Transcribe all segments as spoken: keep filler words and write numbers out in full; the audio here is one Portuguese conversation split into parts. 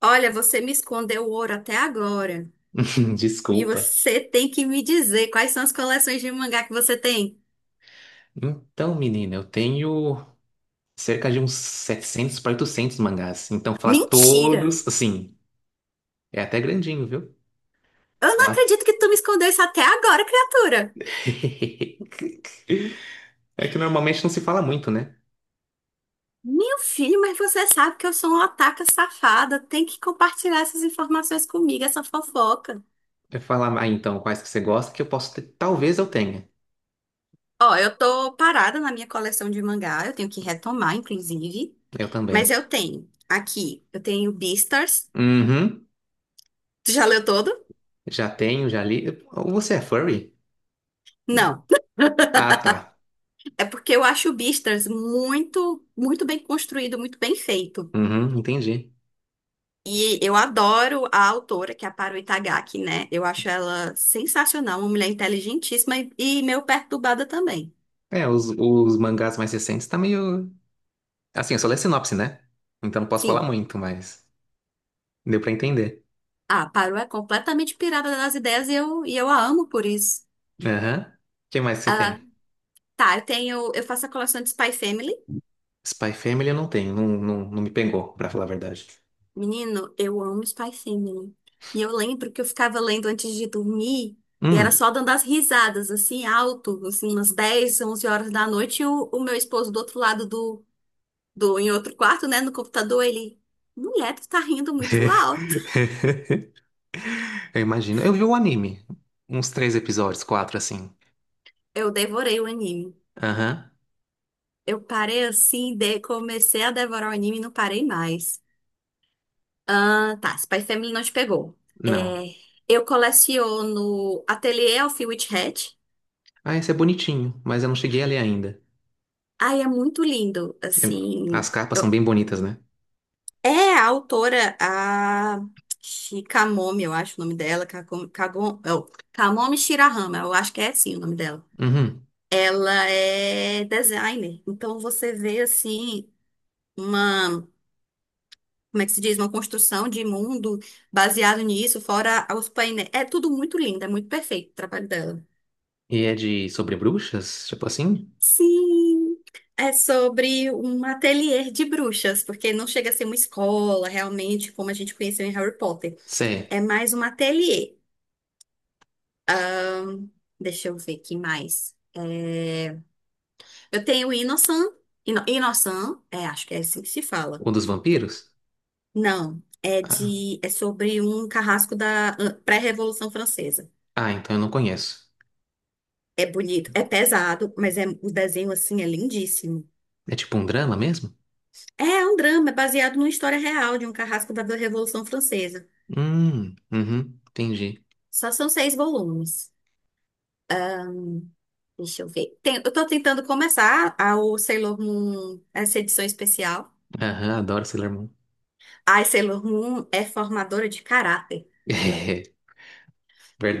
Olha, você me escondeu o ouro até agora. E Desculpa. você tem que me dizer quais são as coleções de mangá que você tem. Então, menina, eu tenho cerca de uns setecentos para oitocentos mangás. Então, falar Mentira! todos, assim, é até grandinho, viu? Eu não Falar... acredito que tu me escondeu isso até agora, criatura. É que normalmente não se fala muito, né? Meu filho, mas você sabe que eu sou uma otaka safada. Tem que compartilhar essas informações comigo, essa fofoca. Eu falar, ah, então, quais que você gosta que eu posso ter. Talvez eu tenha. Ó, eu tô parada na minha coleção de mangá. Eu tenho que retomar, inclusive. Eu Mas também. eu tenho aqui, eu tenho Beastars. Uhum. Tu já leu todo? Já tenho, já li. Você é furry? Não. Ah, tá. É porque eu acho o Beastars muito, muito bem construído, muito bem feito. Uhum, entendi. E eu adoro a autora, que é a Haru Itagaki, né? Eu acho ela sensacional, uma mulher inteligentíssima e, e meio perturbada também. É, os, os mangás mais recentes tá meio. Assim, eu só leio sinopse, né? Então não posso falar Sim, muito, mas deu pra entender. a Haru é completamente pirada das ideias e eu, e eu a amo por isso. Aham. O que mais que você Ah, tem? tá, eu tenho, eu faço a coleção de Spy Family. Spy Family eu não tenho, não, não, não me pegou, pra falar a verdade. Menino, eu amo Spy Family. E eu lembro que eu ficava lendo antes de dormir e era Hum. só dando as risadas, assim, alto, assim, umas dez, onze horas da noite. E o, o meu esposo do outro lado do, do, em outro quarto, né, no computador, ele, mulher, tu tá rindo muito alto. Eu imagino. Eu vi o anime. Uns três episódios, quatro, assim. Eu devorei o anime. Aham. Eu parei assim, de, comecei a devorar o anime e não parei mais. Ah, tá, Spy Family não te pegou. É, Não. eu coleciono Ateliê Elfie Witch Hat. Ah, esse é bonitinho, mas eu não cheguei a ler ainda. Ai, é muito lindo, Eu- As assim. capas são eu- bem bonitas, né? É a autora, a Shikamomi, eu acho o nome dela, Kakom- Kagon- oh, Kamomi Shirahama, eu acho que é assim o nome dela. Uhum. Ela é designer, então você vê, assim, uma, como é que se diz, uma construção de mundo baseado nisso, fora os painéis. É tudo muito lindo, é muito perfeito o trabalho dela. E é de sobre bruxas? Tipo assim? Sim! É sobre um ateliê de bruxas, porque não chega a ser uma escola realmente, como a gente conheceu em Harry Potter. Sé. É mais um ateliê. Hum, Deixa eu ver que mais. É, eu tenho Inosan. Ino... Inosan, é, acho que é assim que se fala. Ou dos Tô- vampiros? Não, é Ah, de é sobre um carrasco da ah, pré-Revolução Francesa. ah, então eu não conheço. É bonito, é pesado, mas é o desenho assim é lindíssimo. É tipo um drama mesmo? É um drama, é baseado numa história real de um carrasco da Revolução Francesa. Hum, uhum, entendi. Só são seis volumes. Deixa eu ver. Tem- eu tô tentando começar a, o Sailor Moon, essa edição especial. Aham, adoro Sailor Moon. Ai, Sailor Moon é formadora de caráter.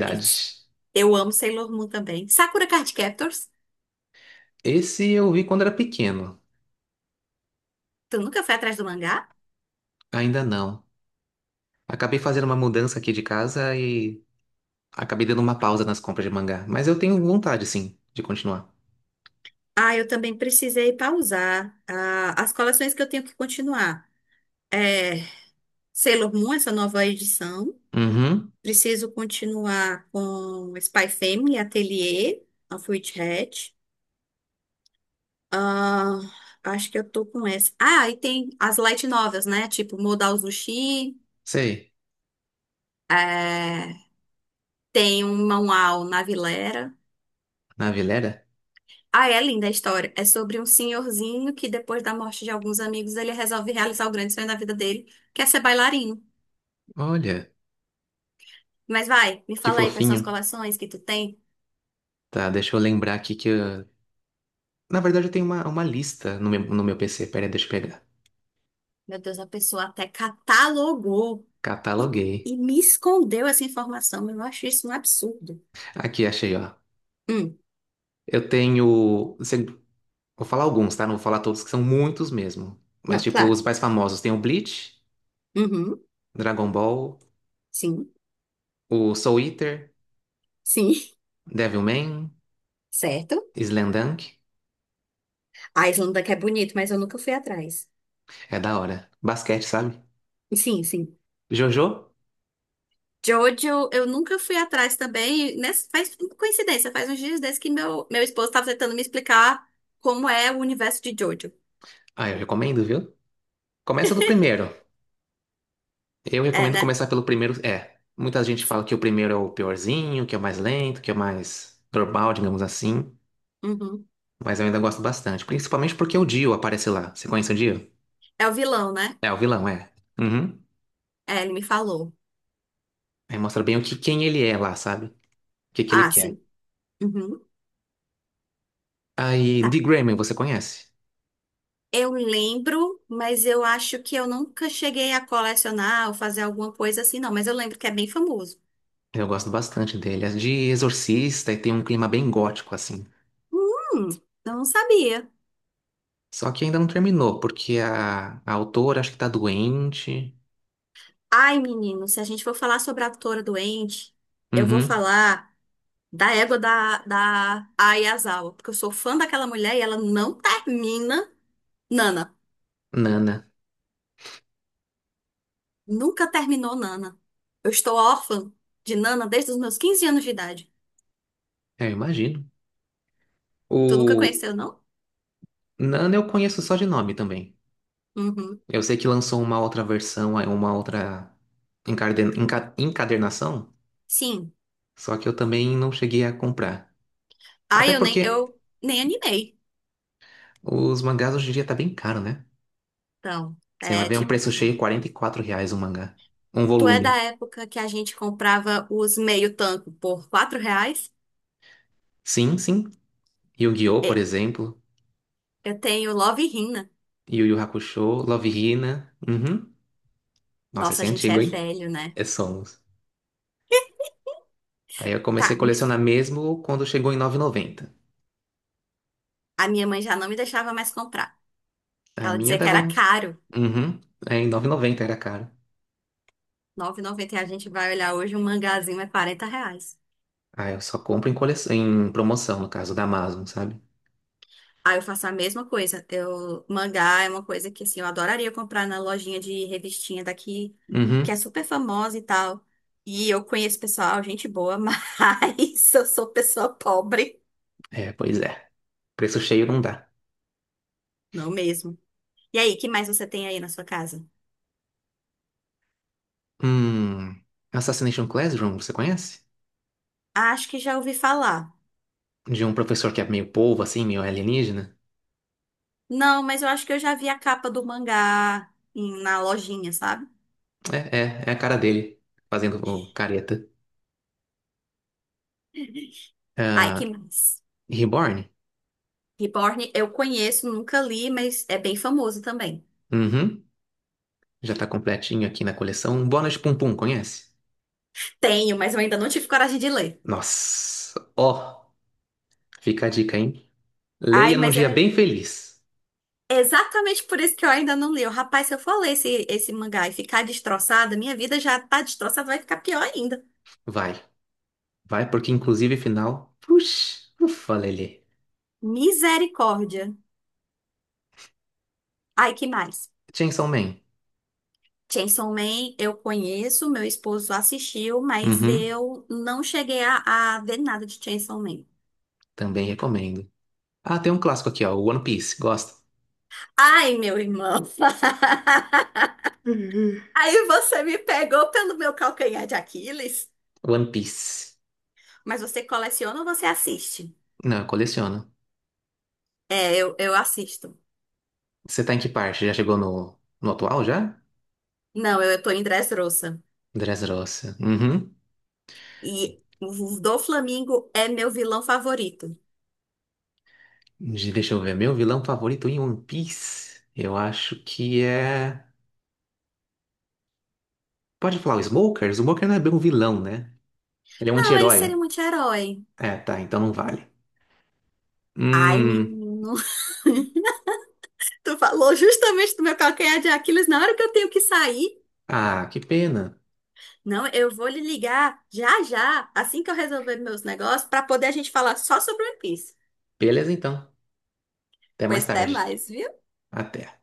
É, eu amo Sailor Moon também. Sakura Card Captors. Esse eu vi quando era pequeno. Tu nunca foi atrás do mangá? Ainda não. Acabei fazendo uma mudança aqui de casa e acabei dando uma pausa nas compras de mangá. Mas eu tenho vontade, sim, de continuar. Ah, eu também precisei pausar ah, as coleções que eu tenho que continuar. É, Sailor Moon, essa nova edição. Uhum, Preciso continuar com Spy Family, Atelier, of Witch Hat. Ah, acho que eu tô com essa. Ah, e tem as light novels, né? Tipo Modal Zushi, sei. é, tem um manual na Vilera. Navilera? Ah, é linda a história. É sobre um senhorzinho que depois da morte de alguns amigos, ele resolve realizar o grande sonho da vida dele, que é ser bailarino. Olha, Mas vai, me que fala aí quais são fofinho. as coleções que tu tem. Tá, deixa eu lembrar aqui que eu... Na verdade, eu tenho uma, uma lista no meu, no meu P C. Pera aí, deixa eu pegar. Meu Deus, a pessoa até catalogou e, Cataloguei. e me escondeu essa informação. Eu acho isso um absurdo. Aqui, achei, ó. Hum, Eu tenho... se- Vou falar alguns, tá? Não vou falar todos, que são muitos mesmo. Mas, não, tipo, claro. os mais famosos. Tem o Bleach, Uhum, Dragon Ball. sim. O Soul Eater, Sim, Devilman, certo? Slamdunk. A Islândia que é bonito, mas eu nunca fui atrás. É da hora. Basquete, sabe? Sim, sim. Jojo? Jojo, eu nunca fui atrás também. Nessa, faz coincidência, faz uns dias desses que meu, meu esposo estava tentando me explicar como é o universo de Jojo. Ah, eu recomendo, viu? Começa do primeiro. Eu É, recomendo né? começar pelo primeiro. É, muita gente fala Sim. que o primeiro é o piorzinho, que é o mais lento, que é o mais normal, digamos assim. Uhum. Mas eu ainda gosto bastante. Principalmente porque o Dio aparece lá. Você conhece o Dio? É o vilão, né? É, o vilão, é. Uhum. É, ele me falou. Aí mostra bem o que, quem ele é lá, sabe? O que, que ele Ah, quer. sim. Uhum. Aí, Tá. D. Grayman, você conhece? Eu lembro, mas eu acho que eu nunca cheguei a colecionar ou fazer alguma coisa assim, não. Mas eu lembro que é bem famoso. Eu gosto bastante dele. As de Exorcista e tem um clima bem gótico, assim. Hum, eu não sabia. Só que ainda não terminou, porque a, a autora acho que tá doente. Ai, menino, se a gente for falar sobre a autora doente, eu vou Uhum. falar da égua da, da Ayazawa, porque eu sou fã daquela mulher e ela não termina Nana. Nana. Nunca terminou Nana. Eu estou órfã de Nana desde os meus quinze anos de idade. É, eu imagino. Tu nunca O conheceu, não? Nana eu conheço só de nome também. Uhum. Eu sei que lançou uma outra versão, aí uma outra encarden- enca- encadernação, Sim. só que eu também não cheguei a comprar. Até Ai, eu nem, porque eu nem animei. os mangás hoje em dia tá bem caro, né? Então, Você vai é ver um tipo, preço cheio, quarenta e quatro reais um mangá. Um tu é da volume. época que a gente comprava os meio tanco por quatro reais? Sim, sim. Yu-Gi-Oh, por É, exemplo. eu tenho Love Hina. Yu Yu Hakusho, Love Hina. Uhum. Nossa, Nossa, esse a é gente é antigo, hein? velho, né? É. Somos. Aí eu comecei Tá, a me- colecionar mesmo quando chegou em nove vírgula noventa. a minha mãe já não me deixava mais comprar, porque A ela minha dizia que dava era um... caro. Uhum. É, em nove e noventa era caro. R$ noventa e a gente vai olhar hoje um mangazinho é quarenta reais. Aí eu só compro em, cole... em promoção, no caso da Amazon, sabe? Aí eu faço a mesma coisa. Eu, mangá é uma coisa que assim, eu adoraria comprar na lojinha de revistinha daqui, que é Uhum. super famosa e tal. E eu conheço pessoal, gente boa, mas eu sou pessoa pobre. É, pois é. Preço cheio não dá. Não mesmo. E aí, que mais você tem aí na sua casa? Hum. Assassination Classroom, você conhece? Ah, acho que já ouvi falar. De um professor que é meio polvo, assim, meio alienígena. Não, mas eu acho que eu já vi a capa do mangá em- na lojinha, sabe? É, é, é a cara dele, fazendo o careta. Ai, Ah, que mais? Reborn? Reborn eu conheço, nunca li, mas é bem famoso também. Uhum. Já tá completinho aqui na coleção. Bônus Pum Pum, conhece? Tenho, mas eu ainda não tive coragem de ler. Nossa, ó. Fica a dica, hein? Ai, Leia num mas dia é bem feliz. exatamente por isso que eu ainda não li. Eu, Rapaz, se eu for ler esse, esse mangá e ficar destroçada, minha vida já tá destroçada, vai ficar pior ainda. Vai, vai, porque inclusive final. Puxa, ufa, Lelê. Misericórdia. Ai, que mais? Chainsaw Man. Chainsaw Man eu conheço, meu esposo assistiu, mas Uhum, eu não cheguei a, a ver nada de Chainsaw Man. também recomendo. Ah, tem um clássico aqui, ó. One Piece. Gosta? Ai, meu irmão. Uhum. Aí você me pegou pelo meu calcanhar de Aquiles. One Piece. Mas você coleciona ou você assiste? Não, eu coleciono. É, eu, eu assisto. Você tá em que parte? Já chegou no, no atual já? Não, eu, eu tô em Dressrosa. Dressrosa. Uhum. E o Doflamingo é meu vilão favorito. De- Deixa eu ver. Meu vilão favorito em One Piece. Eu acho que é. Pode falar o Smoker? O Smoker não é bem um vilão, né? Ele é um Não, ele anti-herói. seria um anti-herói. É, tá, então não vale. Ai, Hum, menino. Tu falou justamente do meu calcanhar de Aquiles na hora que eu tenho que sair. ah, que pena. Não, eu vou lhe ligar já já, assim que eu resolver meus negócios, pra poder a gente falar só sobre One Piece. Beleza, então. Até mais Pois até tarde. mais, viu? Até.